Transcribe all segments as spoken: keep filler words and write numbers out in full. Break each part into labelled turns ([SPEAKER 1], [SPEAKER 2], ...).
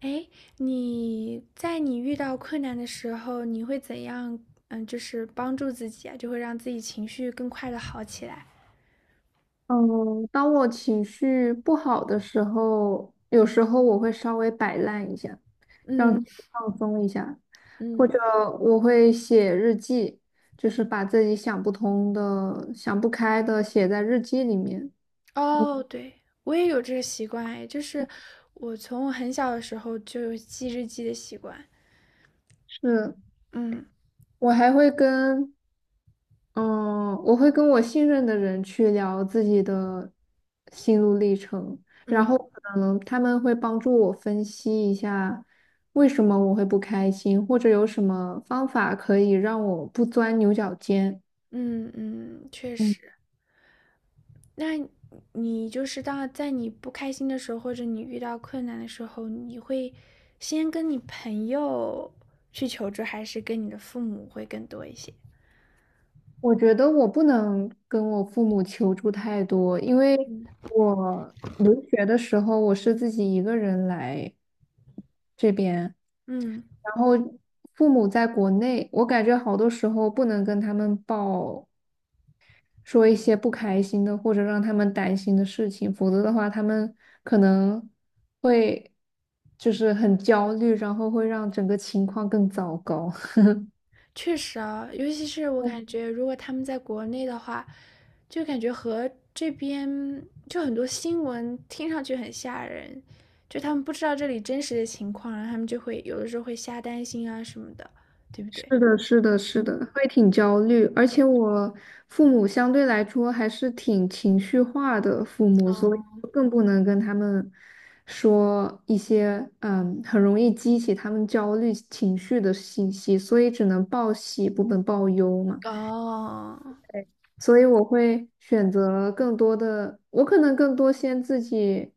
[SPEAKER 1] 哎，你在你遇到困难的时候，你会怎样？嗯，就是帮助自己啊，就会让自己情绪更快的好起来。
[SPEAKER 2] 嗯，当我情绪不好的时候，有时候我会稍微摆烂一下，让自
[SPEAKER 1] 嗯
[SPEAKER 2] 己放松一下，或者
[SPEAKER 1] 嗯。
[SPEAKER 2] 我会写日记，就是把自己想不通的、想不开的写在日记里面。
[SPEAKER 1] 哦，对，我也有这个习惯，哎，就是我从我很小的时候就有记日记的习惯。
[SPEAKER 2] 是，
[SPEAKER 1] 嗯
[SPEAKER 2] 我还会跟嗯，我会跟我信任的人去聊自己的心路历程，然后
[SPEAKER 1] 嗯
[SPEAKER 2] 可能他们会帮助我分析一下为什么我会不开心，或者有什么方法可以让我不钻牛角尖。
[SPEAKER 1] 嗯嗯，确
[SPEAKER 2] 嗯。
[SPEAKER 1] 实。那你就是当在你不开心的时候，或者你遇到困难的时候，你会先跟你朋友去求助，还是跟你的父母会更多一些？
[SPEAKER 2] 我觉得我不能跟我父母求助太多，因为
[SPEAKER 1] 嗯。
[SPEAKER 2] 我留学的时候我是自己一个人来这边，
[SPEAKER 1] 嗯，
[SPEAKER 2] 然后父母在国内，我感觉好多时候不能跟他们报说一些不开心的或者让他们担心的事情，否则的话他们可能会就是很焦虑，然后会让整个情况更糟糕。
[SPEAKER 1] 确实啊，尤其是我感 觉，如果他们在国内的话，就感觉和这边就很多新闻听上去很吓人，就他们不知道这里真实的情况，然后他们就会有的时候会瞎担心啊什么的，对不对？
[SPEAKER 2] 是的，是的，是
[SPEAKER 1] 嗯。
[SPEAKER 2] 的，会挺焦虑，而且我父母相对来说还是挺情绪化的父母，所以
[SPEAKER 1] 哦
[SPEAKER 2] 更不能跟他们说一些嗯很容易激起他们焦虑情绪的信息，所以只能报喜不能报忧嘛。
[SPEAKER 1] 哦，
[SPEAKER 2] 所以我会选择更多的，我可能更多先自己。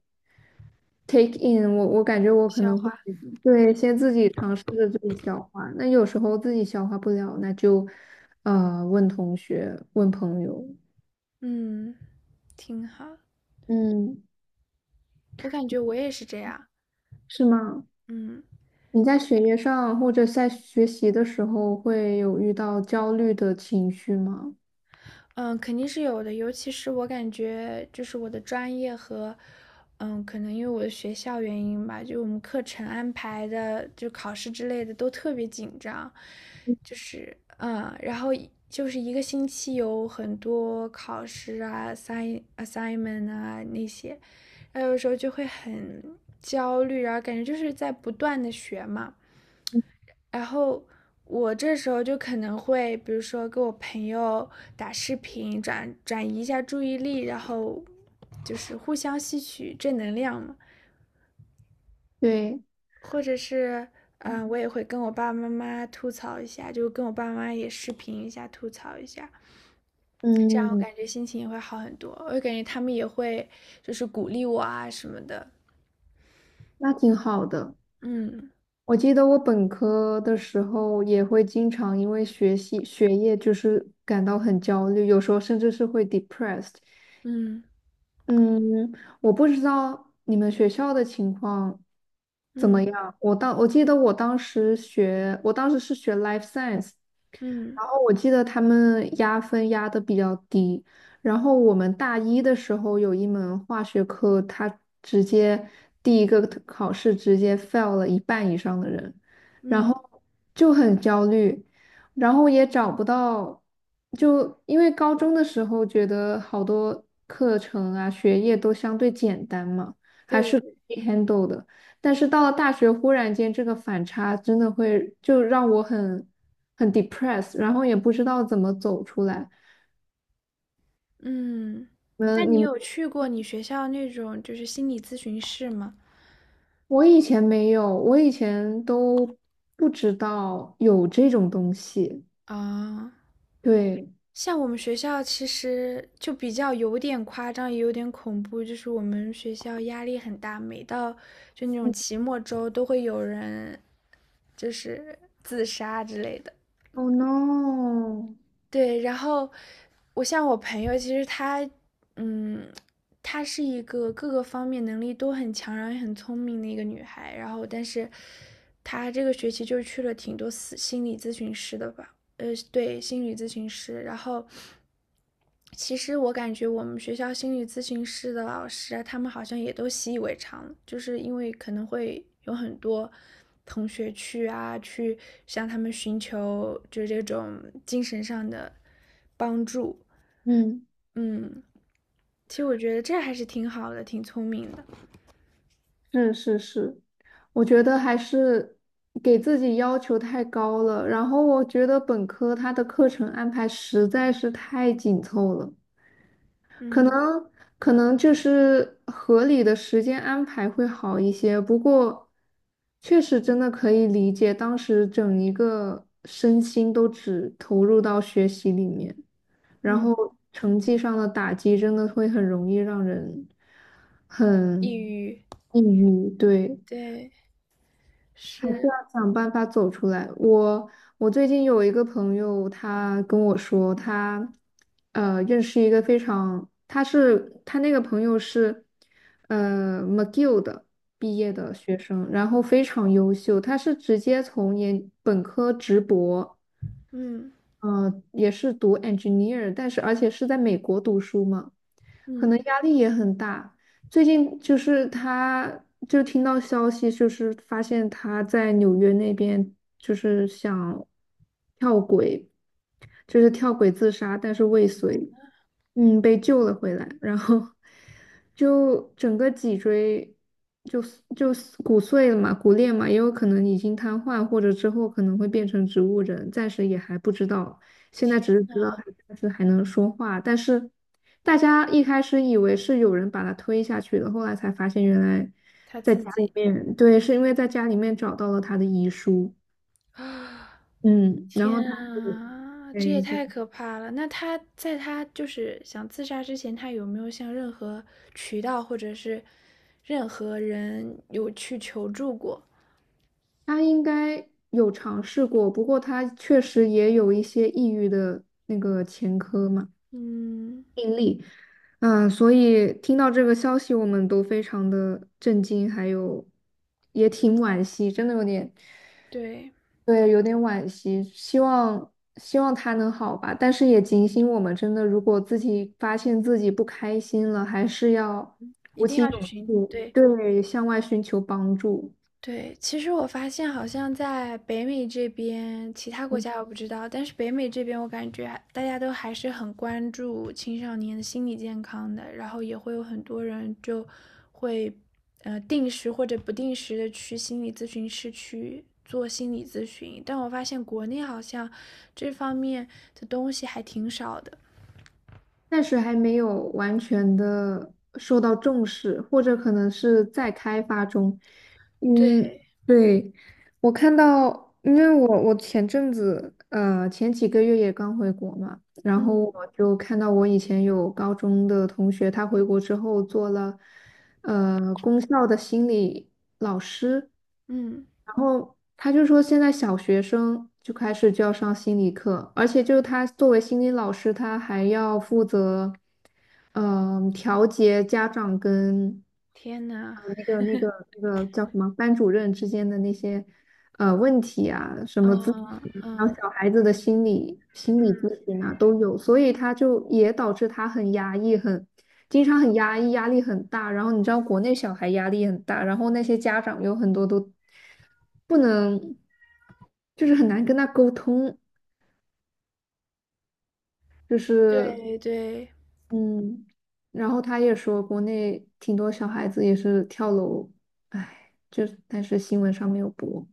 [SPEAKER 2] take in,我我感觉我可
[SPEAKER 1] 笑
[SPEAKER 2] 能会
[SPEAKER 1] 话。
[SPEAKER 2] 对先自己尝试着自己消化，那有时候自己消化不了，那就呃问同学、问朋友，
[SPEAKER 1] 嗯，挺好。
[SPEAKER 2] 嗯，
[SPEAKER 1] 我感觉我也是这样。
[SPEAKER 2] 是吗？
[SPEAKER 1] 嗯。
[SPEAKER 2] 你在学业上或者在学习的时候会有遇到焦虑的情绪吗？
[SPEAKER 1] 嗯，肯定是有的，尤其是我感觉就是我的专业和，嗯，可能因为我的学校原因吧，就我们课程安排的，就考试之类的都特别紧张，就是嗯，然后一就是一个星期有很多考试啊、assign assignment 啊那些，然后有时候就会很焦虑，然后感觉就是在不断的学嘛。然后我这时候就可能会，比如说跟我朋友打视频，转转移一下注意力，然后就是互相吸取正能量嘛。
[SPEAKER 2] 对，
[SPEAKER 1] 或者是，嗯，呃我也会跟我爸爸妈妈吐槽一下，就跟我爸妈妈也视频一下，吐槽一下，这样我
[SPEAKER 2] 嗯，
[SPEAKER 1] 感觉心情也会好很多。我感觉他们也会就是鼓励我啊什么的。
[SPEAKER 2] 那挺好的。
[SPEAKER 1] 嗯
[SPEAKER 2] 我记得我本科的时候也会经常因为学习学业就是感到很焦虑，有时候甚至是会 depressed。
[SPEAKER 1] 嗯
[SPEAKER 2] 嗯，我不知道你们学校的情况怎
[SPEAKER 1] 嗯
[SPEAKER 2] 么样。我当我记得我当时学，我当时是学 life science,
[SPEAKER 1] 嗯
[SPEAKER 2] 然后我记得他们压分压的比较低，然后我们大一的时候有一门化学课，他直接第一个考试直接 fail 了一半以上的人，然
[SPEAKER 1] 嗯，
[SPEAKER 2] 后就很焦虑，然后也找不到，就因为高中的时候觉得好多课程啊学业都相对简单嘛，还
[SPEAKER 1] 对
[SPEAKER 2] 是可
[SPEAKER 1] 的。
[SPEAKER 2] 以 handle 的。但是到了大学，忽然间这个反差真的会就让我很很 depressed,然后也不知道怎么走出来。
[SPEAKER 1] 嗯，那
[SPEAKER 2] 嗯，你
[SPEAKER 1] 你
[SPEAKER 2] 们
[SPEAKER 1] 有去过你学校那种就是心理咨询室吗？
[SPEAKER 2] 我以前没有，我以前都不知道有这种东西。
[SPEAKER 1] 啊，
[SPEAKER 2] 对
[SPEAKER 1] 像我们学校其实就比较有点夸张，也有点恐怖，就是我们学校压力很大，每到就那种期末周都会有人就是自杀之类的。
[SPEAKER 2] o h no,
[SPEAKER 1] 对，然后我像我朋友，其实她，嗯，她是一个各个方面能力都很强，然后也很聪明的一个女孩。然后，但是她这个学期就去了挺多私心理咨询师的吧，呃，对，心理咨询师。然后，其实我感觉我们学校心理咨询师的老师啊，他们好像也都习以为常就是因为可能会有很多同学去啊，去向他们寻求就是这种精神上的帮助。
[SPEAKER 2] 嗯，
[SPEAKER 1] 嗯，其实我觉得这还是挺好的，挺聪明的。
[SPEAKER 2] 是是是，我觉得还是给自己要求太高了。然后我觉得本科它的课程安排实在是太紧凑了。可能
[SPEAKER 1] 嗯。
[SPEAKER 2] 可能就是合理的时间安排会好一些，不过确实真的可以理解，当时整一个身心都只投入到学习里面，然
[SPEAKER 1] 嗯，
[SPEAKER 2] 后成绩上的打击真的会很容易让人
[SPEAKER 1] 抑
[SPEAKER 2] 很
[SPEAKER 1] 郁，
[SPEAKER 2] 抑郁，对，
[SPEAKER 1] 对，
[SPEAKER 2] 还是
[SPEAKER 1] 是。
[SPEAKER 2] 要想办法走出来。我我最近有一个朋友，他跟我说，他呃认识一个非常，他是他那个朋友是呃 McGill 的毕业的学生，然后非常优秀，他是直接从研本科直博。
[SPEAKER 1] 嗯。
[SPEAKER 2] 呃，也是读 engineer,但是而且是在美国读书嘛，可
[SPEAKER 1] 嗯，
[SPEAKER 2] 能压力也很大。最近就是他，就听到消息，就是发现他在纽约那边就是想跳轨，就是跳轨自杀，但是未遂，嗯，被救了回来，然后就整个脊椎就就骨碎了嘛、骨裂嘛，也有可能已经瘫痪，或者之后可能会变成植物人，暂时也还不知道，现在只是
[SPEAKER 1] 天
[SPEAKER 2] 知道他暂时还能说话，但是大家一开始以为是有人把他推下去的，后来才发现原来
[SPEAKER 1] 他
[SPEAKER 2] 在
[SPEAKER 1] 自
[SPEAKER 2] 家里
[SPEAKER 1] 己
[SPEAKER 2] 面，对，是因为在家里面找到了他的遗书，
[SPEAKER 1] 啊。
[SPEAKER 2] 嗯，然后他
[SPEAKER 1] 天
[SPEAKER 2] 是。
[SPEAKER 1] 啊，这也
[SPEAKER 2] 对，
[SPEAKER 1] 太可怕了！那他在他就是想自杀之前，他有没有向任何渠道或者是任何人有去求助过？
[SPEAKER 2] 他应该有尝试过，不过他确实也有一些抑郁的那个前科嘛，
[SPEAKER 1] 嗯，
[SPEAKER 2] 病例。嗯，所以听到这个消息，我们都非常的震惊，还有也挺惋惜，真的有点，
[SPEAKER 1] 对，
[SPEAKER 2] 对，有点惋惜。希望希望他能好吧，但是也警醒我们，真的，如果自己发现自己不开心了，还是要，
[SPEAKER 1] 一定要去寻，
[SPEAKER 2] 嗯，
[SPEAKER 1] 对。
[SPEAKER 2] 对，向外寻求帮助。
[SPEAKER 1] 对，其实我发现好像在北美这边，其他国家我不知道，但是北美这边我感觉还大家都还是很关注青少年的心理健康的，然后也会有很多人就会呃定时或者不定时的去心理咨询室去做心理咨询，但我发现国内好像这方面的东西还挺少的。
[SPEAKER 2] 暂时还没有完全的受到重视，或者可能是在开发中。嗯，
[SPEAKER 1] 对。
[SPEAKER 2] 对，我看到，因为我我前阵子，呃，前几个月也刚回国嘛，然后
[SPEAKER 1] 嗯。
[SPEAKER 2] 我就看到我以前有高中的同学，他回国之后做了，呃，功效的心理老师，
[SPEAKER 1] 嗯，
[SPEAKER 2] 然后他就说现在小学生就开始就要上心理课，而且就是他作为心理老师，他还要负责，嗯、调节家长跟
[SPEAKER 1] 天呐。
[SPEAKER 2] 呃那个那个那个叫什么班主任之间的那些。呃问题啊，什
[SPEAKER 1] 嗯
[SPEAKER 2] 么咨询，
[SPEAKER 1] 嗯
[SPEAKER 2] 还有
[SPEAKER 1] 嗯，
[SPEAKER 2] 小孩子的心理心理咨询啊都有，所以他就也导致他很压抑，很经常很压抑，压力很大。然后你知道国内小孩压力很大，然后那些家长有很多都不能，就是很难跟他沟通，就是
[SPEAKER 1] 对对。
[SPEAKER 2] 嗯，然后他也说国内挺多小孩子也是跳楼，唉，就但是新闻上没有播。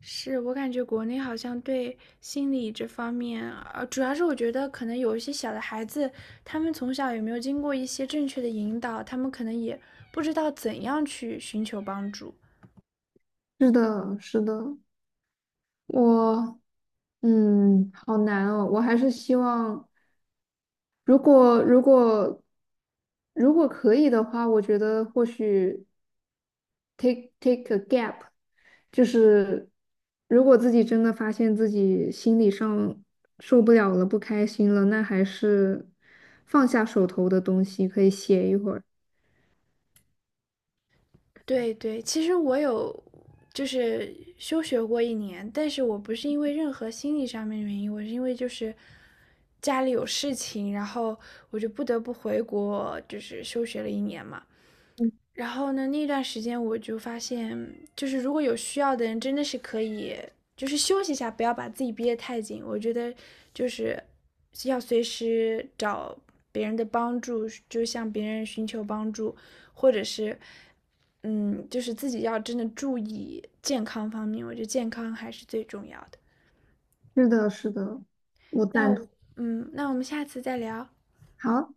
[SPEAKER 1] 是，我感觉国内好像对心理这方面，呃，主要是我觉得可能有一些小的孩子，他们从小有没有经过一些正确的引导，他们可能也不知道怎样去寻求帮助。
[SPEAKER 2] 是的，是的。我，嗯，好难哦。我还是希望，如果如果如果可以的话，我觉得或许 take take a gap,就是如果自己真的发现自己心理上受不了了，不开心了，那还是放下手头的东西，可以写一会儿。
[SPEAKER 1] 对对，其实我有就是休学过一年，但是我不是因为任何心理上面的原因，我是因为就是家里有事情，然后我就不得不回国，就是休学了一年嘛。然后呢，那段时间我就发现，就是如果有需要的人，真的是可以，就是休息一下，不要把自己憋得太紧。我觉得就是要随时找别人的帮助，就向别人寻求帮助，或者是，嗯，就是自己要真的注意健康方面，我觉得健康还是最重要的。
[SPEAKER 2] 是的，是的，我
[SPEAKER 1] 那
[SPEAKER 2] 赞同。
[SPEAKER 1] 我嗯，那我们下次再聊。
[SPEAKER 2] 好。